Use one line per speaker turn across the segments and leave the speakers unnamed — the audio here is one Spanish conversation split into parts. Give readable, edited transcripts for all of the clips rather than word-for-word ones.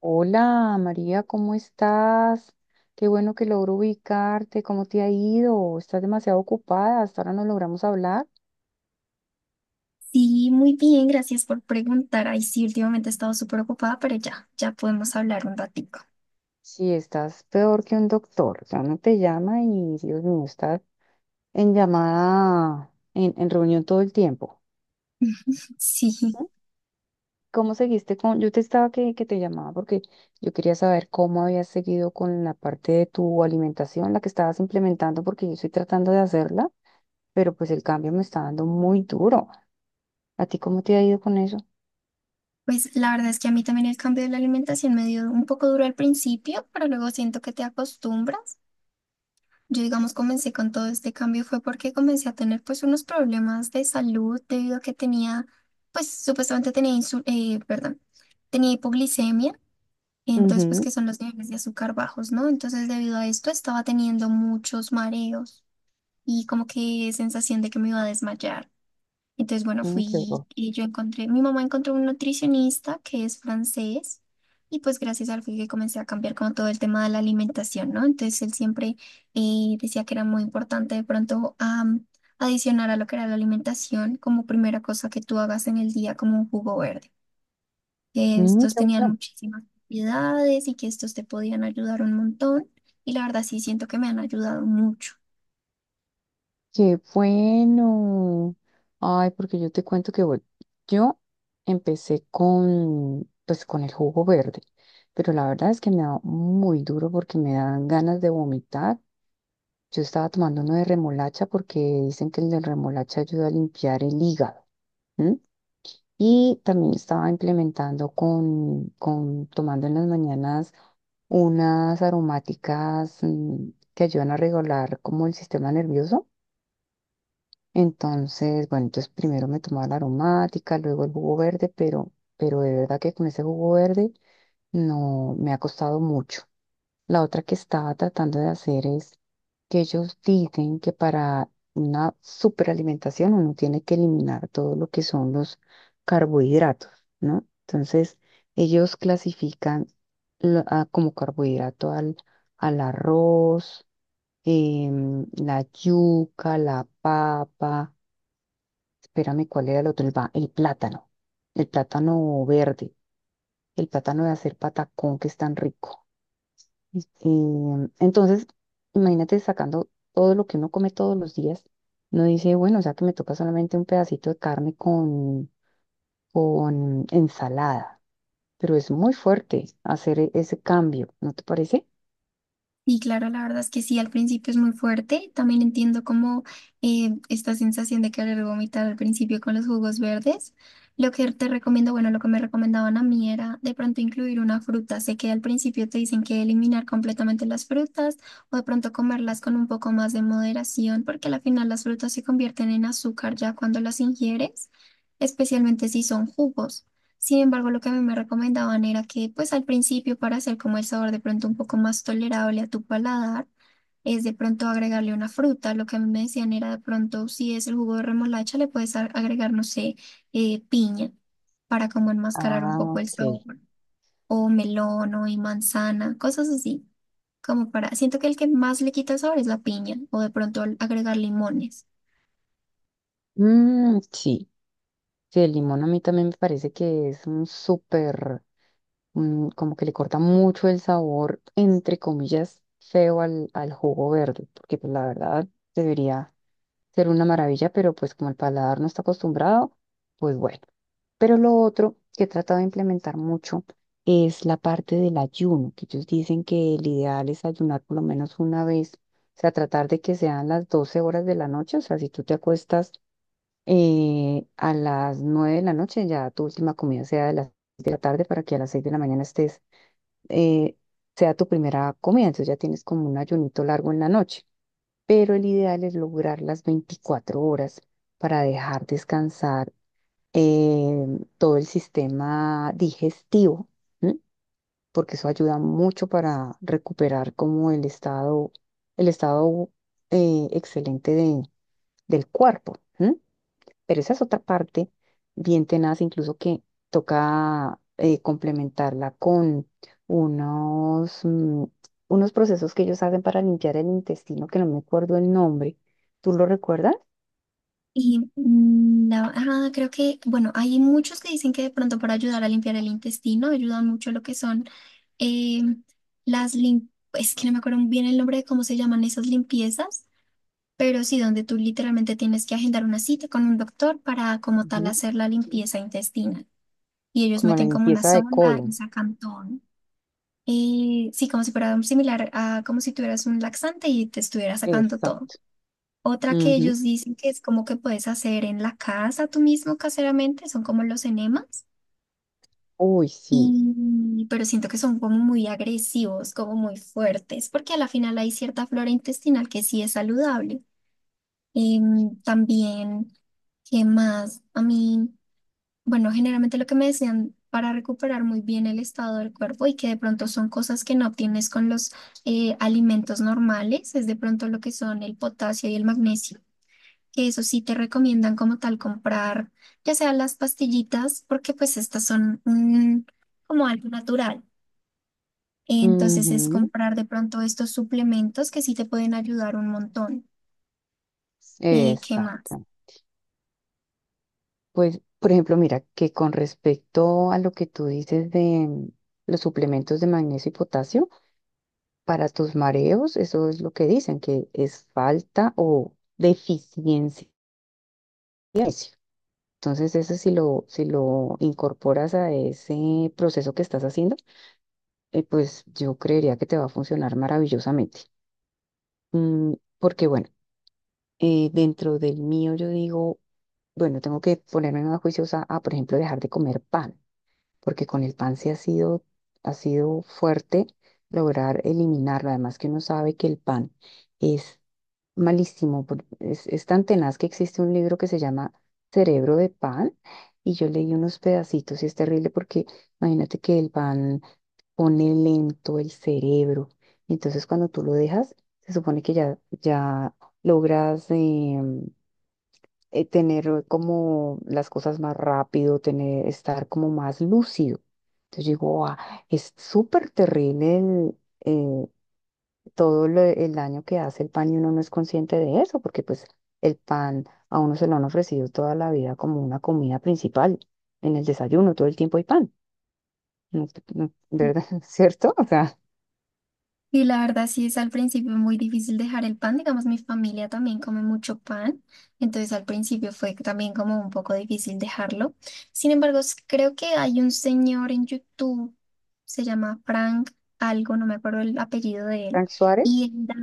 Hola María, ¿cómo estás? Qué bueno que logro ubicarte. ¿Cómo te ha ido? Estás demasiado ocupada. Hasta ahora no logramos hablar.
Sí, muy bien, gracias por preguntar. Ay, sí, últimamente he estado súper ocupada, pero ya, ya podemos hablar un ratico.
Sí, estás peor que un doctor. Ya no te llama y Dios mío, estás en llamada, en reunión todo el tiempo.
Sí,
¿Cómo seguiste con...? Yo te estaba que te llamaba porque yo quería saber cómo habías seguido con la parte de tu alimentación, la que estabas implementando, porque yo estoy tratando de hacerla, pero pues el cambio me está dando muy duro. ¿A ti cómo te ha ido con eso?
pues la verdad es que a mí también el cambio de la alimentación me dio un poco duro al principio, pero luego siento que te acostumbras. Yo, digamos, comencé con todo este cambio fue porque comencé a tener pues unos problemas de salud debido a que tenía, pues supuestamente tenía insul perdón, tenía hipoglicemia. Entonces, pues
Ujú.
que son los niveles de azúcar bajos, ¿no? Entonces, debido a esto, estaba teniendo muchos mareos y como que sensación de que me iba a desmayar. Entonces, bueno,
Mm, qué
fui
bueno.
y yo encontré, mi mamá encontró un nutricionista que es francés y pues gracias a él fue que comencé a cambiar como todo el tema de la alimentación, ¿no? Entonces él siempre decía que era muy importante de pronto adicionar a lo que era la alimentación como primera cosa que tú hagas en el día como un jugo verde, que
Mm,
estos
qué
tenían
bueno.
muchísimas propiedades y que estos te podían ayudar un montón, y la verdad sí siento que me han ayudado mucho.
Qué bueno. Ay, porque yo te cuento que, bueno, yo empecé con, pues, con el jugo verde, pero la verdad es que me da muy duro porque me dan ganas de vomitar. Yo estaba tomando uno de remolacha porque dicen que el de remolacha ayuda a limpiar el hígado. ¿M? Y también estaba implementando con tomando en las mañanas unas aromáticas que ayudan a regular como el sistema nervioso. Entonces, bueno, entonces primero me tomaba la aromática, luego el jugo verde, pero de verdad que con ese jugo verde no me ha costado mucho. La otra que estaba tratando de hacer es que ellos dicen que para una superalimentación uno tiene que eliminar todo lo que son los carbohidratos, ¿no? Entonces, ellos clasifican como carbohidrato al arroz, la yuca, la papa, espérame, ¿cuál era el otro? El plátano verde, el plátano de hacer patacón que es tan rico. Entonces, imagínate sacando todo lo que uno come todos los días. No dice, bueno, o sea que me toca solamente un pedacito de carne con ensalada. Pero es muy fuerte hacer ese cambio, ¿no te parece?
Y claro, la verdad es que sí, al principio es muy fuerte. También entiendo como esta sensación de querer vomitar al principio con los jugos verdes. Lo que te recomiendo, bueno, lo que me recomendaban a mí era de pronto incluir una fruta. Sé que al principio te dicen que eliminar completamente las frutas o de pronto comerlas con un poco más de moderación, porque al final las frutas se convierten en azúcar ya cuando las ingieres, especialmente si son jugos. Sin embargo, lo que a mí me recomendaban era que, pues al principio, para hacer como el sabor de pronto un poco más tolerable a tu paladar, es de pronto agregarle una fruta. Lo que a mí me decían era de pronto, si es el jugo de remolacha, le puedes agregar, no sé, piña para como enmascarar un
Ah,
poco el
ok.
sabor, o melón o y manzana, cosas así. Como para, siento que el que más le quita el sabor es la piña, o de pronto al agregar limones.
Mm, sí. Sí, el limón a mí también me parece que es un súper, mm, como que le corta mucho el sabor, entre comillas, feo al jugo verde, porque pues la verdad debería ser una maravilla, pero pues como el paladar no está acostumbrado, pues bueno. Pero lo otro que he tratado de implementar mucho es la parte del ayuno, que ellos dicen que el ideal es ayunar por lo menos una vez, o sea, tratar de que sean las 12 horas de la noche, o sea, si tú te acuestas a las 9 de la noche, ya tu última comida sea de las 6 de la tarde para que a las 6 de la mañana estés, eh, sea tu primera comida, entonces ya tienes como un ayunito largo en la noche, pero el ideal es lograr las 24 horas para dejar descansar eh, todo el sistema digestivo, ¿m? Porque eso ayuda mucho para recuperar como el estado, el estado, excelente del cuerpo. ¿M? Pero esa es otra parte bien tenaz, incluso que toca complementarla con unos, mm, unos procesos que ellos hacen para limpiar el intestino, que no me acuerdo el nombre. ¿Tú lo recuerdas?
Y ajá, creo que, bueno, hay muchos que dicen que de pronto para ayudar a limpiar el intestino ayudan mucho lo que son eh, las lim- es que no me acuerdo bien el nombre de cómo se llaman esas limpiezas, pero sí donde tú literalmente tienes que agendar una cita con un doctor para como tal
Ujú.
hacer la limpieza intestinal. Y ellos
Como la
meten como una
limpieza de
sonda y
colon.
sacan todo, ¿no? Sí, como si fuera similar a como si tuvieras un laxante y te estuviera sacando todo.
Exacto.
Otra que
Ujú.
ellos dicen que es como que puedes hacer en la casa tú mismo caseramente, son como los enemas,
Uy, sí.
pero siento que son como muy agresivos, como muy fuertes, porque a la final hay cierta flora intestinal que sí es saludable. También, ¿qué más? A mí, bueno, generalmente lo que me decían para recuperar muy bien el estado del cuerpo y que de pronto son cosas que no obtienes con los alimentos normales, es de pronto lo que son el potasio y el magnesio, que eso sí te recomiendan como tal comprar, ya sea las pastillitas, porque pues estas son como algo natural. Entonces es
Ujú,
comprar de pronto estos suplementos que sí te pueden ayudar un montón. ¿Qué más?
exacto. Pues, por ejemplo, mira, que con respecto a lo que tú dices de mm, los suplementos de magnesio y potasio, para tus mareos, eso es lo que dicen, que es falta o deficiencia de magnesio. Entonces, eso si lo incorporas a ese proceso que estás haciendo, pues yo creería que te va a funcionar maravillosamente. Mm, porque, bueno, dentro del mío yo digo, bueno, tengo que ponerme más juiciosa a, por ejemplo, dejar de comer pan, porque con el pan sí ha sido fuerte lograr eliminarlo. Además que uno sabe que el pan es malísimo, es tan tenaz que existe un libro que se llama Cerebro de Pan y yo leí unos pedacitos y es terrible porque imagínate que el pan pone lento el cerebro. Entonces cuando tú lo dejas, se supone que ya logras... tener como las cosas más rápido, tener, estar como más lúcido. Entonces yo digo, "Ah, es súper terrible el, eh, el daño que hace el pan y uno no es consciente de eso, porque pues el pan a uno se lo han ofrecido toda la vida como una comida principal. En el desayuno todo el tiempo hay pan, ¿no ¿verdad? ¿Cierto? O sea,
Y la verdad sí es al principio muy difícil dejar el pan, digamos mi familia también come mucho pan, entonces al principio fue también como un poco difícil dejarlo. Sin embargo, creo que hay un señor en YouTube, se llama Frank algo, no me acuerdo el apellido de él,
Frank
y
Suárez,
él da,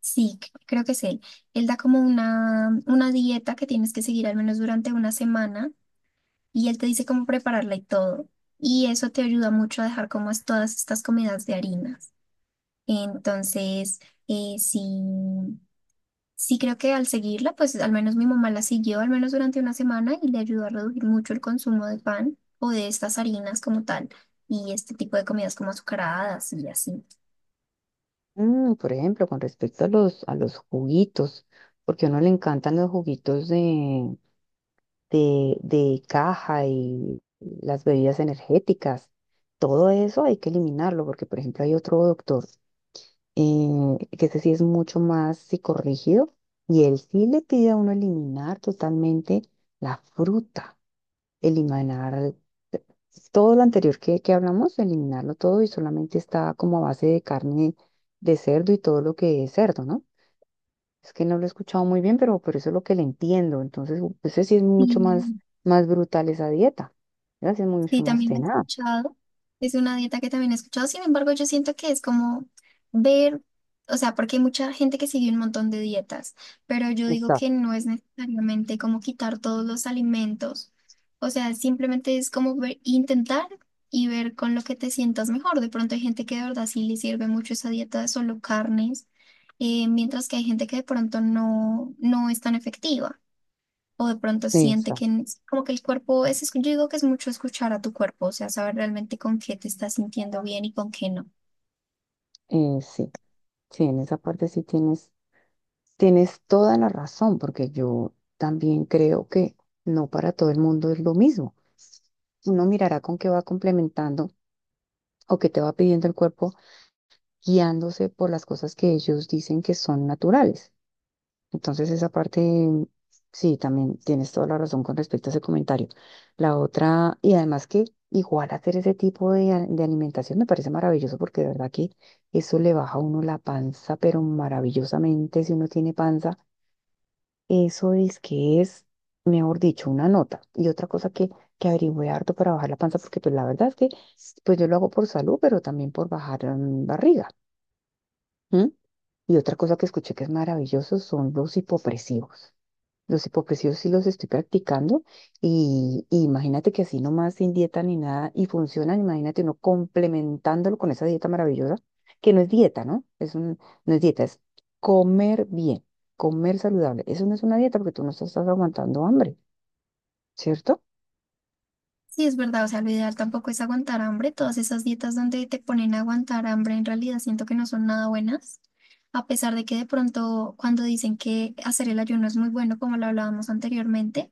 sí, creo que es él, él da como una, dieta que tienes que seguir al menos durante una semana y él te dice cómo prepararla y todo, y eso te ayuda mucho a dejar como es todas estas comidas de harinas. Entonces, sí, sí creo que al seguirla, pues al menos mi mamá la siguió, al menos durante una semana, y le ayudó a reducir mucho el consumo de pan o de estas harinas como tal, y este tipo de comidas como azucaradas y así.
mm, por ejemplo, con respecto a a los juguitos, porque a uno le encantan los juguitos de caja y las bebidas energéticas. Todo eso hay que eliminarlo porque, por ejemplo, hay otro doctor, que ese sí es mucho más psicorrígido y él sí le pide a uno eliminar totalmente la fruta, eliminar todo lo anterior que hablamos, eliminarlo todo y solamente está como a base de carne de cerdo y todo lo que es cerdo, ¿no? Es que no lo he escuchado muy bien, pero eso es lo que le entiendo. Entonces, ese sí es mucho más,
Sí.
más brutal esa dieta. Esa sí es
Sí,
mucho más
también la he
tenaz.
escuchado. Es una dieta que también he escuchado. Sin embargo, yo siento que es como ver, o sea, porque hay mucha gente que sigue un montón de dietas, pero yo digo que
Exacto.
no es necesariamente como quitar todos los alimentos. O sea, simplemente es como intentar y ver con lo que te sientas mejor. De pronto hay gente que de verdad sí le sirve mucho esa dieta de solo carnes, mientras que hay gente que de pronto no, no es tan efectiva o de pronto siente que
Exacto.
como que el cuerpo yo digo que es mucho escuchar a tu cuerpo, o sea, saber realmente con qué te estás sintiendo bien y con qué no.
Eh, sí, sí, en esa parte sí tienes, tienes toda la razón, porque yo también creo que no para todo el mundo es lo mismo. Uno mirará con qué va complementando o qué te va pidiendo el cuerpo, guiándose por las cosas que ellos dicen que son naturales. Entonces esa parte, sí, también tienes toda la razón con respecto a ese comentario. La otra, y además que igual hacer ese tipo de alimentación me parece maravilloso porque de verdad que eso le baja a uno la panza, pero maravillosamente si uno tiene panza, eso es que es, mejor dicho, una nota. Y otra cosa que averigüé harto para bajar la panza, porque pues la verdad es que pues yo lo hago por salud, pero también por bajar mm, barriga. ¿M? Y otra cosa que escuché que es maravilloso son los hipopresivos. Los hipopresivos sí los estoy practicando y imagínate que así nomás sin dieta ni nada y funcionan, imagínate uno complementándolo con esa dieta maravillosa, que no es dieta, ¿no? Es un, no es dieta, es comer bien, comer saludable. Eso no es una dieta porque tú no estás, aguantando hambre, ¿cierto?
Sí, es verdad, o sea, lo ideal tampoco es aguantar hambre, todas esas dietas donde te ponen a aguantar hambre en realidad siento que no son nada buenas, a pesar de que de pronto cuando dicen que hacer el ayuno es muy bueno, como lo hablábamos anteriormente.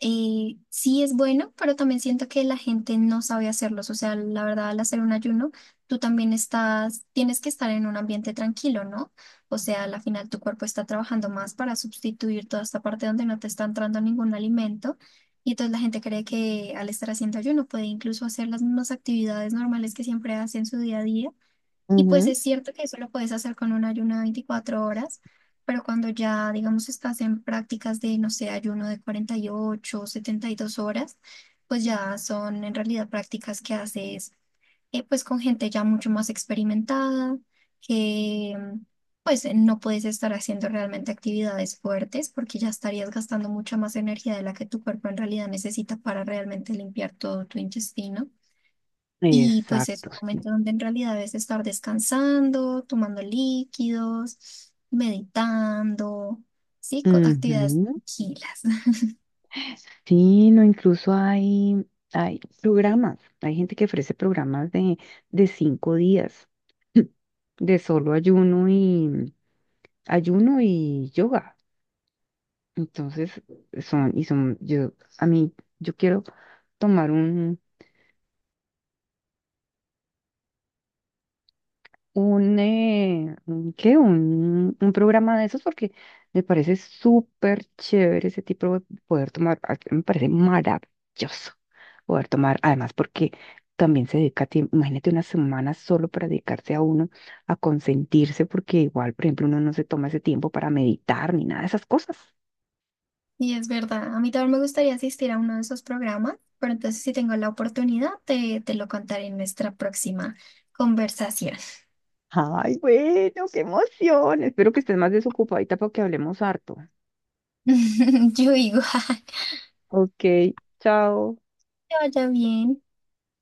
Sí es bueno, pero también siento que la gente no sabe hacerlos. O sea, la verdad, al hacer un ayuno, tú también tienes que estar en un ambiente tranquilo, ¿no? O sea, al final tu cuerpo está trabajando más para sustituir toda esta parte donde no te está entrando ningún alimento. Y entonces la gente cree que al estar haciendo ayuno puede incluso hacer las mismas actividades normales que siempre hace en su día a día, y pues
Ujú,
es cierto que eso lo puedes hacer con un ayuno de 24 horas, pero cuando ya, digamos, estás en prácticas de, no sé, ayuno de 48 o 72 horas, pues ya son en realidad prácticas que haces, pues con gente ya mucho más experimentada, que pues no puedes estar haciendo realmente actividades fuertes porque ya estarías gastando mucha más energía de la que tu cuerpo en realidad necesita para realmente limpiar todo tu intestino. Y pues es
exacto,
un
sí.
momento donde en realidad debes estar descansando, tomando líquidos, meditando, sí, actividades
Ujú.
tranquilas.
Sí, no, incluso hay, hay programas, hay gente que ofrece programas de 5 días, de solo ayuno y, ayuno y yoga. Entonces, son, y son, yo, a mí, yo quiero tomar un ¿qué? Un programa de esos porque me parece súper chévere ese tipo de poder tomar, me parece maravilloso poder tomar, además porque también se dedica, imagínate una semana solo para dedicarse a uno, a consentirse, porque igual, por ejemplo, uno no se toma ese tiempo para meditar ni nada de esas cosas.
Y es verdad, a mí también me gustaría asistir a uno de esos programas, pero entonces si tengo la oportunidad te lo contaré en nuestra próxima conversación.
Ay, bueno, qué emoción. Espero que estés más desocupadita para que hablemos harto.
Yo igual,
Ok, chao.
que vaya bien.